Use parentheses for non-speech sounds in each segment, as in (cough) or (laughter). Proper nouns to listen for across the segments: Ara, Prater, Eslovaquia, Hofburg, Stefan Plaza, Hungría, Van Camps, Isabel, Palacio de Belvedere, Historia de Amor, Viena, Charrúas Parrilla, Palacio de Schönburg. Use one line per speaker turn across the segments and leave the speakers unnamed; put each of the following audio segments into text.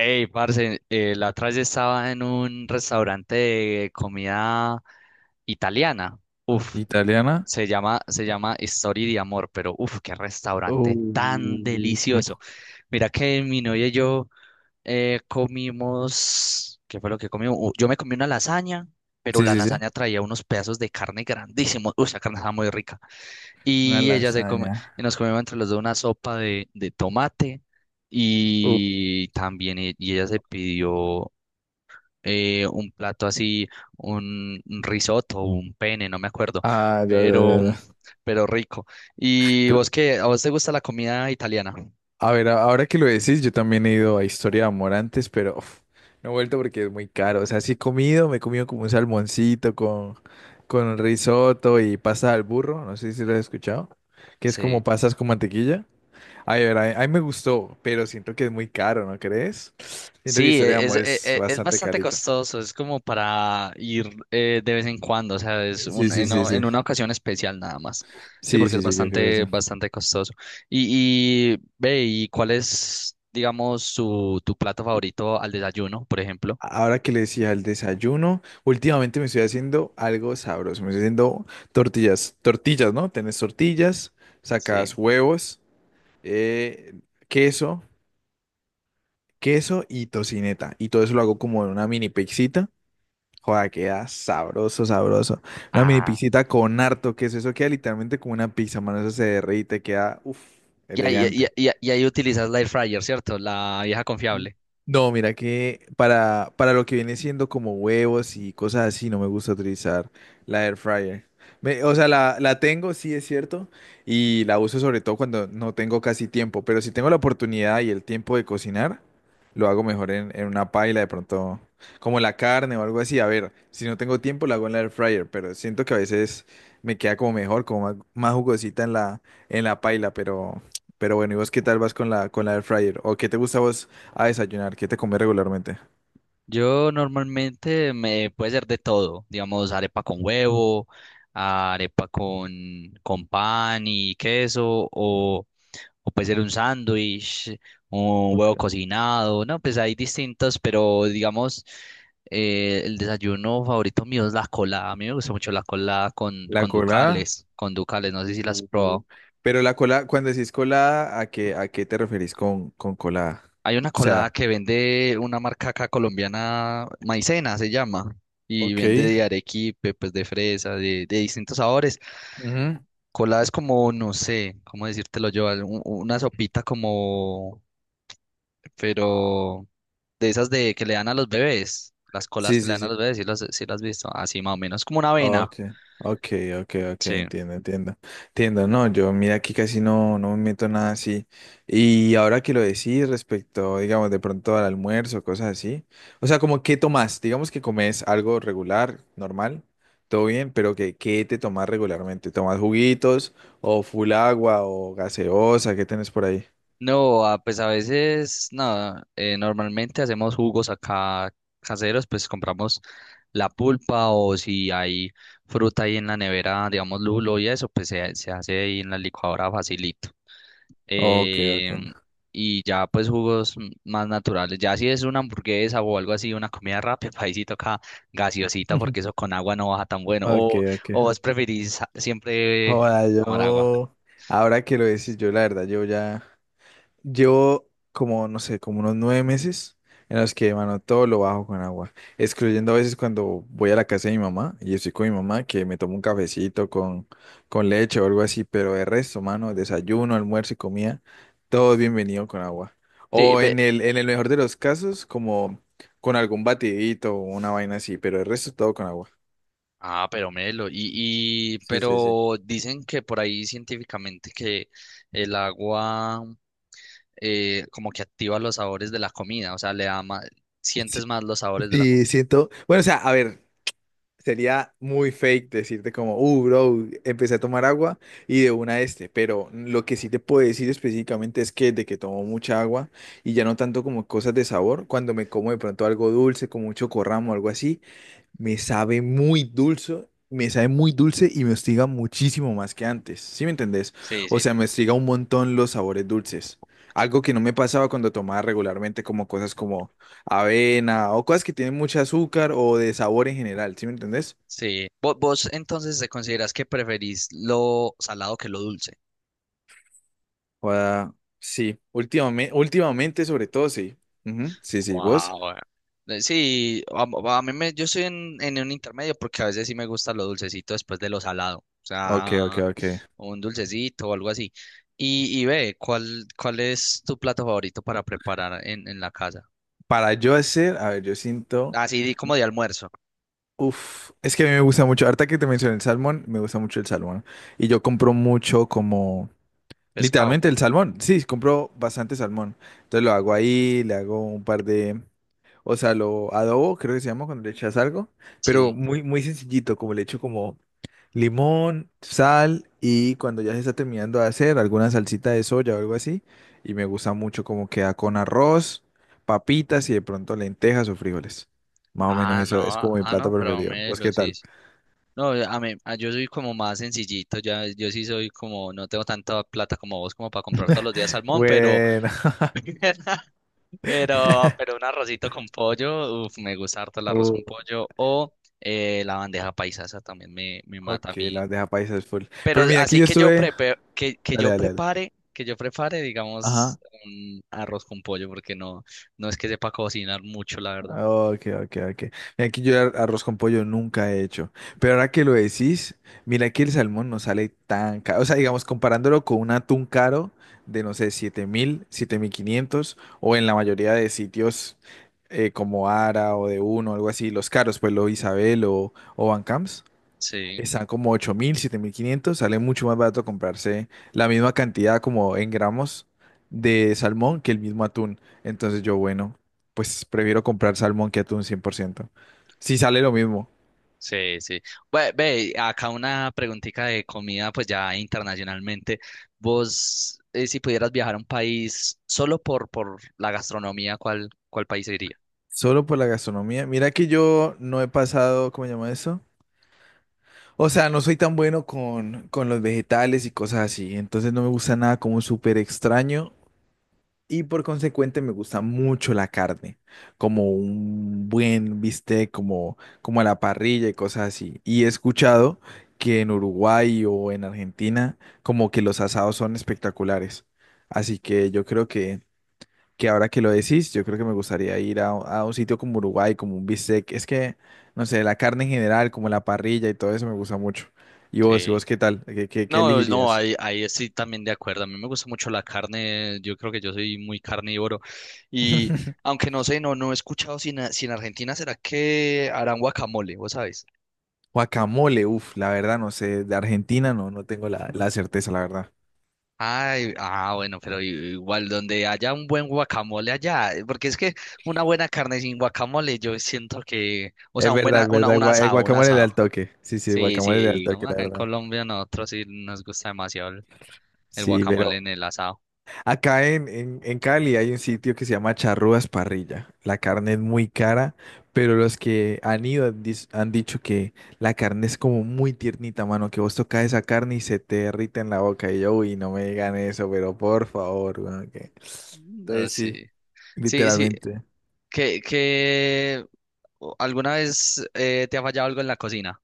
Ey, parce, la otra vez estaba en un restaurante de comida italiana. Uf,
Italiana.
se llama Story de Amor, pero uf, qué
Uh,
restaurante tan delicioso. Mira que mi novia y yo comimos, ¿qué fue lo que comimos? Yo me comí una lasaña, pero
Sí,
la
sí, sí.
lasaña traía unos pedazos de carne grandísimos. Uy, esa carne estaba muy rica.
Una
Y ella se come,
lasaña.
y nos comemos entre los dos una sopa de tomate
uh,
y también y ella se pidió un plato así, un risotto, un pene, no me acuerdo,
ah, ya, ya, ya,
pero,
ya.
pero rico. ¿Y
Tr-
vos qué? ¿A vos te gusta la comida italiana?
A ver, ahora que lo decís, yo también he ido a Historia de Amor antes, pero uf, no he vuelto porque es muy caro. O sea, sí he comido, me he comido como un salmoncito con risotto y pasta al burro. No sé si lo has escuchado. Que es como
Sí.
pasas con mantequilla. Ay, a ver, a mí me gustó, pero siento que es muy caro, ¿no crees? Siento que
Sí,
Historia de
es,
Amor es
es
bastante
bastante
carito.
costoso, es como para ir de vez en cuando, o sea, es
Sí,
un,
sí,
en,
sí,
o-
sí.
en una ocasión especial nada más. Sí,
Sí,
porque es
sí, sí, yo creo que sí.
bastante, bastante costoso. Y ve, ¿y cuál es, digamos, tu plato favorito al desayuno, por ejemplo?
Ahora que le decía el desayuno, últimamente me estoy haciendo algo sabroso. Me estoy haciendo tortillas, tortillas, ¿no? Tenés tortillas,
Sí.
sacas huevos, eh, queso, queso y tocineta. Y todo eso lo hago como en una mini pizzita. Joda, queda sabroso, sabroso. Una mini
Ah.
pizzita con harto queso. Eso queda literalmente como una pizza, mano. Eso se derrite, queda, uff,
Y ahí, y, ahí
elegante.
y ahí- y ahí utilizas la air fryer, ¿cierto? La vieja confiable.
No, mira que para lo que viene siendo como huevos y cosas así, no me gusta utilizar la air fryer. O sea, la tengo, sí es cierto, y la uso sobre todo cuando no tengo casi tiempo, pero si tengo la oportunidad y el tiempo de cocinar, lo hago mejor en una paila de pronto, como la carne o algo así. A ver, si no tengo tiempo, la hago en la air fryer, pero siento que a veces me queda como mejor, como más, más jugosita en la paila, pero bueno, ¿y vos qué tal vas con la air fryer? ¿O qué te gusta a vos? A desayunar, ¿qué te comes regularmente?
Yo normalmente me puede ser de todo, digamos arepa con huevo, arepa con, con pan y queso, o puede ser un sándwich, un
Ok.
huevo cocinado, no, pues hay distintos, pero digamos el desayuno favorito mío es la colada, a mí me gusta mucho la colada
La colada.
con ducales, no sé si las has
Uh,
probado.
Pero la colada, cuando decís colada, ¿a qué te referís con colada?
Hay una
O
colada
sea,
que vende una marca acá colombiana, Maicena se llama, y
ok,
vende de arequipe, pues de fresa, de distintos sabores.
ujú,
Colada es como, no sé, cómo decírtelo yo, una sopita como, pero de esas de que le dan a los bebés, las coladas
sí,
que le
sí,
dan a
sí.
los bebés, si las, sí las has visto, así más o menos, como una avena,
Okay, okay, okay, okay,
sí.
entiendo, entiendo, entiendo, no, yo mira aquí casi no, no me meto en nada así, y ahora que lo decís respecto, digamos, de pronto al almuerzo, cosas así, o sea, como qué tomás, digamos que comes algo regular, normal, todo bien, pero que, ¿qué te tomás regularmente? ¿Tomás juguitos o full agua o gaseosa? ¿Qué tenés por ahí?
No, ah, pues a veces, nada, normalmente hacemos jugos acá caseros, pues compramos la pulpa o si hay fruta ahí en la nevera, digamos lulo y eso, pues se hace ahí en la licuadora facilito.
Okay,
Eh,
okay.
y ya pues jugos más naturales. Ya si es una hamburguesa o algo así, una comida rápida, (laughs) ahí sí toca gaseosita porque eso
(laughs)
con agua no baja tan bueno.
Okay,
O
okay.
vos preferís siempre
Joda,
tomar agua.
yo, ahora que lo decís, yo la verdad, yo ya... Llevo como, no sé, como unos 9 meses en los que, mano, todo lo bajo con agua, excluyendo a veces cuando voy a la casa de mi mamá y estoy con mi mamá, que me tomo un cafecito con leche o algo así, pero de resto, mano, desayuno, almuerzo y comida, todo es bienvenido con agua.
Sí,
O en el mejor de los casos, como con algún batidito o una vaina así, pero el resto todo con agua.
Ah, pero Melo,
Sí, sí, sí.
pero dicen que por ahí científicamente que el agua como que activa los sabores de la comida, o sea, le da más,
(laughs) Sí,
sientes más los sabores de la
sí,
comida.
siento. Bueno, o sea, a ver. Sería muy fake decirte como, bro, empecé a tomar agua y de una este, pero lo que sí te puedo decir específicamente es que de que tomo mucha agua y ya no tanto como cosas de sabor, cuando me como de pronto algo dulce, como un chocorramo o algo así, me sabe muy dulce, me sabe muy dulce y me hostiga muchísimo más que antes, ¿sí me entendés?
Sí,
O
sí.
sea, me hostiga un montón los sabores dulces. Algo que no me pasaba cuando tomaba regularmente como cosas como avena o cosas que tienen mucho azúcar o de sabor en general, ¿sí me entendés?
Sí. ¿Vos, entonces te considerás que preferís lo salado que lo dulce?
Joda, sí, últimamente, últimamente sobre todo, sí. Ujú, sí, sí, vos.
Wow. Sí, a mí me, yo estoy en un intermedio porque a veces sí me gusta lo dulcecito después de lo salado, o
Ok, ok,
sea,
ok.
un dulcecito o algo así. Y ve, ¿cuál, cuál es tu plato favorito para preparar en la casa?
Para yo hacer, a ver, yo siento,
Así di como de almuerzo,
uf, es que a mí me gusta mucho, ahorita que te mencioné el salmón, me gusta mucho el salmón. Y yo compro mucho como,
pescado, ¿o
literalmente
qué?
el salmón, sí, compro bastante salmón. Entonces lo hago ahí, le hago un par de, o sea, lo adobo, creo que se llama cuando le echas algo, pero
Sí.
muy, muy sencillito, como le echo como limón, sal y cuando ya se está terminando de hacer alguna salsita de soya o algo así. Y me gusta mucho cómo queda con arroz, papitas y de pronto lentejas o frijoles. Más o menos
Ah, no,
eso es como mi
ah, no,
plato
pero
preferido.
me
¿Vos qué
los
tal?
hice. No, a mí, yo soy como más sencillito, ya, yo sí soy como, no tengo tanta plata como vos como para comprar todos los días salmón, pero
Bueno,
(laughs) pero un arrocito con pollo, uf, me gusta harto el
(laughs)
arroz
uh,
con pollo, o la bandeja paisa, esa también me mata a
ok,
mí.
las deja paisas full.
Pero
Pero mira, aquí
así
yo
que yo
estuve.
prepe-
Dale, dale, dale.
que yo prepare, digamos,
Ajá.
un arroz con pollo, porque no, no es que sepa cocinar mucho, la verdad.
Ok, ok, ok. Mira, aquí yo arroz con pollo nunca he hecho. Pero ahora que lo decís, mira que el salmón no sale tan caro. O sea, digamos, comparándolo con un atún caro de, no sé, 7.000, 7.500, o en la mayoría de sitios como Ara o de Uno, algo así, los caros, pues lo Isabel o Van Camps.
Sí.
Están como 8.000, 7.500. Sale mucho más barato comprarse la misma cantidad como en gramos de salmón que el mismo atún. Entonces yo, bueno, pues prefiero comprar salmón que atún 100%, si sale lo mismo.
Sí, sí. Ve, ve, acá una preguntita de comida, pues ya internacionalmente. Vos, si pudieras viajar a un país solo por la gastronomía, ¿cuál, cuál país iría?
Solo por la gastronomía. Mira que yo no he pasado, ¿cómo se llama eso? O sea, no soy tan bueno con, los vegetales y cosas así. Entonces no me gusta nada como súper extraño, y por consecuente me gusta mucho la carne, como un buen bistec, como a la parrilla y cosas así. Y he escuchado que en Uruguay o en Argentina como que los asados son espectaculares. Así que yo creo que, ahora que lo decís, yo creo que me gustaría ir a un sitio como Uruguay, como un bistec. Es que, no sé, la carne en general, como la parrilla y todo eso me gusta mucho. ¿Y vos, y
Sí.
vos qué tal? ¿Qué
No, no,
elegirías?
ahí, ahí sí también de acuerdo. A mí me gusta mucho la carne. Yo creo que yo soy muy carnívoro. Y
(laughs)
aunque no sé, no, no he escuchado si en, Argentina será que harán guacamole, ¿vos sabes?
Guacamole, uff, la verdad no sé, de Argentina no, no tengo la certeza, la verdad.
Ay, ah, bueno, igual donde haya un buen guacamole allá, porque es que una buena carne sin guacamole, yo siento que, o sea,
Es verdad, es verdad,
un
el
asado, un
guacamole de
asado.
al toque. Sí, sí, el
Sí, sí,
guacamole de al toque,
digamos
la
acá en
verdad.
Colombia nosotros sí nos gusta demasiado el
Sí,
guacamole
pero
en el asado.
acá en Cali hay un sitio que se llama Charrúas Parrilla. La carne es muy cara, pero los que han ido han han dicho que la carne es como muy tiernita, mano, que vos tocas esa carne y se te derrite en la boca. Y yo, uy, no me digan eso, pero por favor, weón.
Mm, ah,
Entonces
sí,
sí,
sí, sí,
literalmente.
que alguna vez te ha fallado algo en la cocina.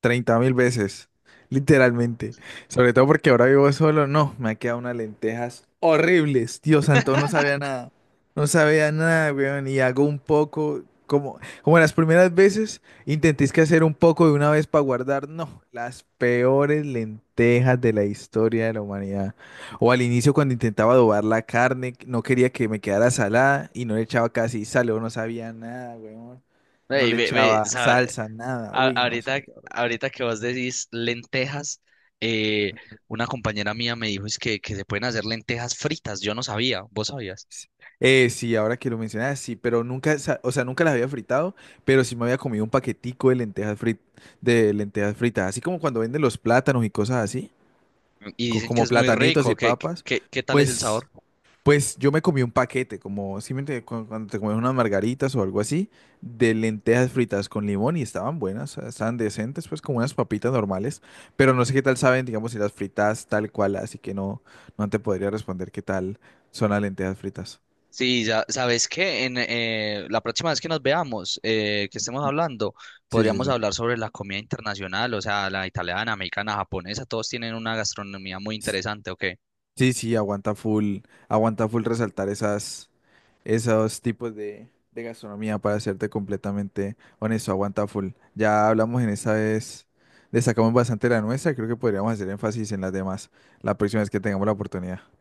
30.000 veces, literalmente. Sobre todo porque ahora vivo solo. No, me ha quedado unas lentejas horribles. Dios santo, no sabía nada. No sabía nada, weón. Y hago un poco, como las primeras veces, intentéis que hacer un poco de una vez para guardar. No, las peores lentejas de la historia de la humanidad. O al inicio cuando intentaba adobar la carne, no quería que me quedara salada y no le echaba casi sal, o no sabía nada, weón. No
Ey,
le
ve, ve,
echaba salsa, nada. Uy, no, se
ahorita,
me quedó.
ahorita que vos decís lentejas, eh, una compañera mía me dijo es que se pueden hacer lentejas fritas. Yo no sabía, vos sabías.
Sí, ahora que lo mencionas, sí, pero nunca, o sea, nunca las había fritado, pero sí me había comido un paquetico de lentejas fritas, así como cuando venden los plátanos y cosas así,
Y dicen que
como
es muy
platanitos y
rico. ¿Qué, qué,
papas,
qué tal es el
pues,
sabor?
pues yo me comí un paquete, como simplemente cuando te comes unas margaritas o algo así, de lentejas fritas con limón y estaban buenas, o sea, estaban decentes, pues como unas papitas normales, pero no sé qué tal saben, digamos, si las fritas tal cual, así que no, no te podría responder qué tal son las lentejas fritas.
Sí, ya sabes que en la próxima vez que nos veamos, que estemos hablando,
Sí, sí,
podríamos
sí.
hablar sobre la comida internacional, o sea, la italiana, americana, japonesa, todos tienen una gastronomía muy
Sí,
interesante, ¿ok?
sí, aguanta full resaltar esas, esos tipos de gastronomía para serte completamente honesto, aguanta full. Ya hablamos en esa vez, destacamos bastante la nuestra, creo que podríamos hacer énfasis en las demás la próxima vez que tengamos la oportunidad.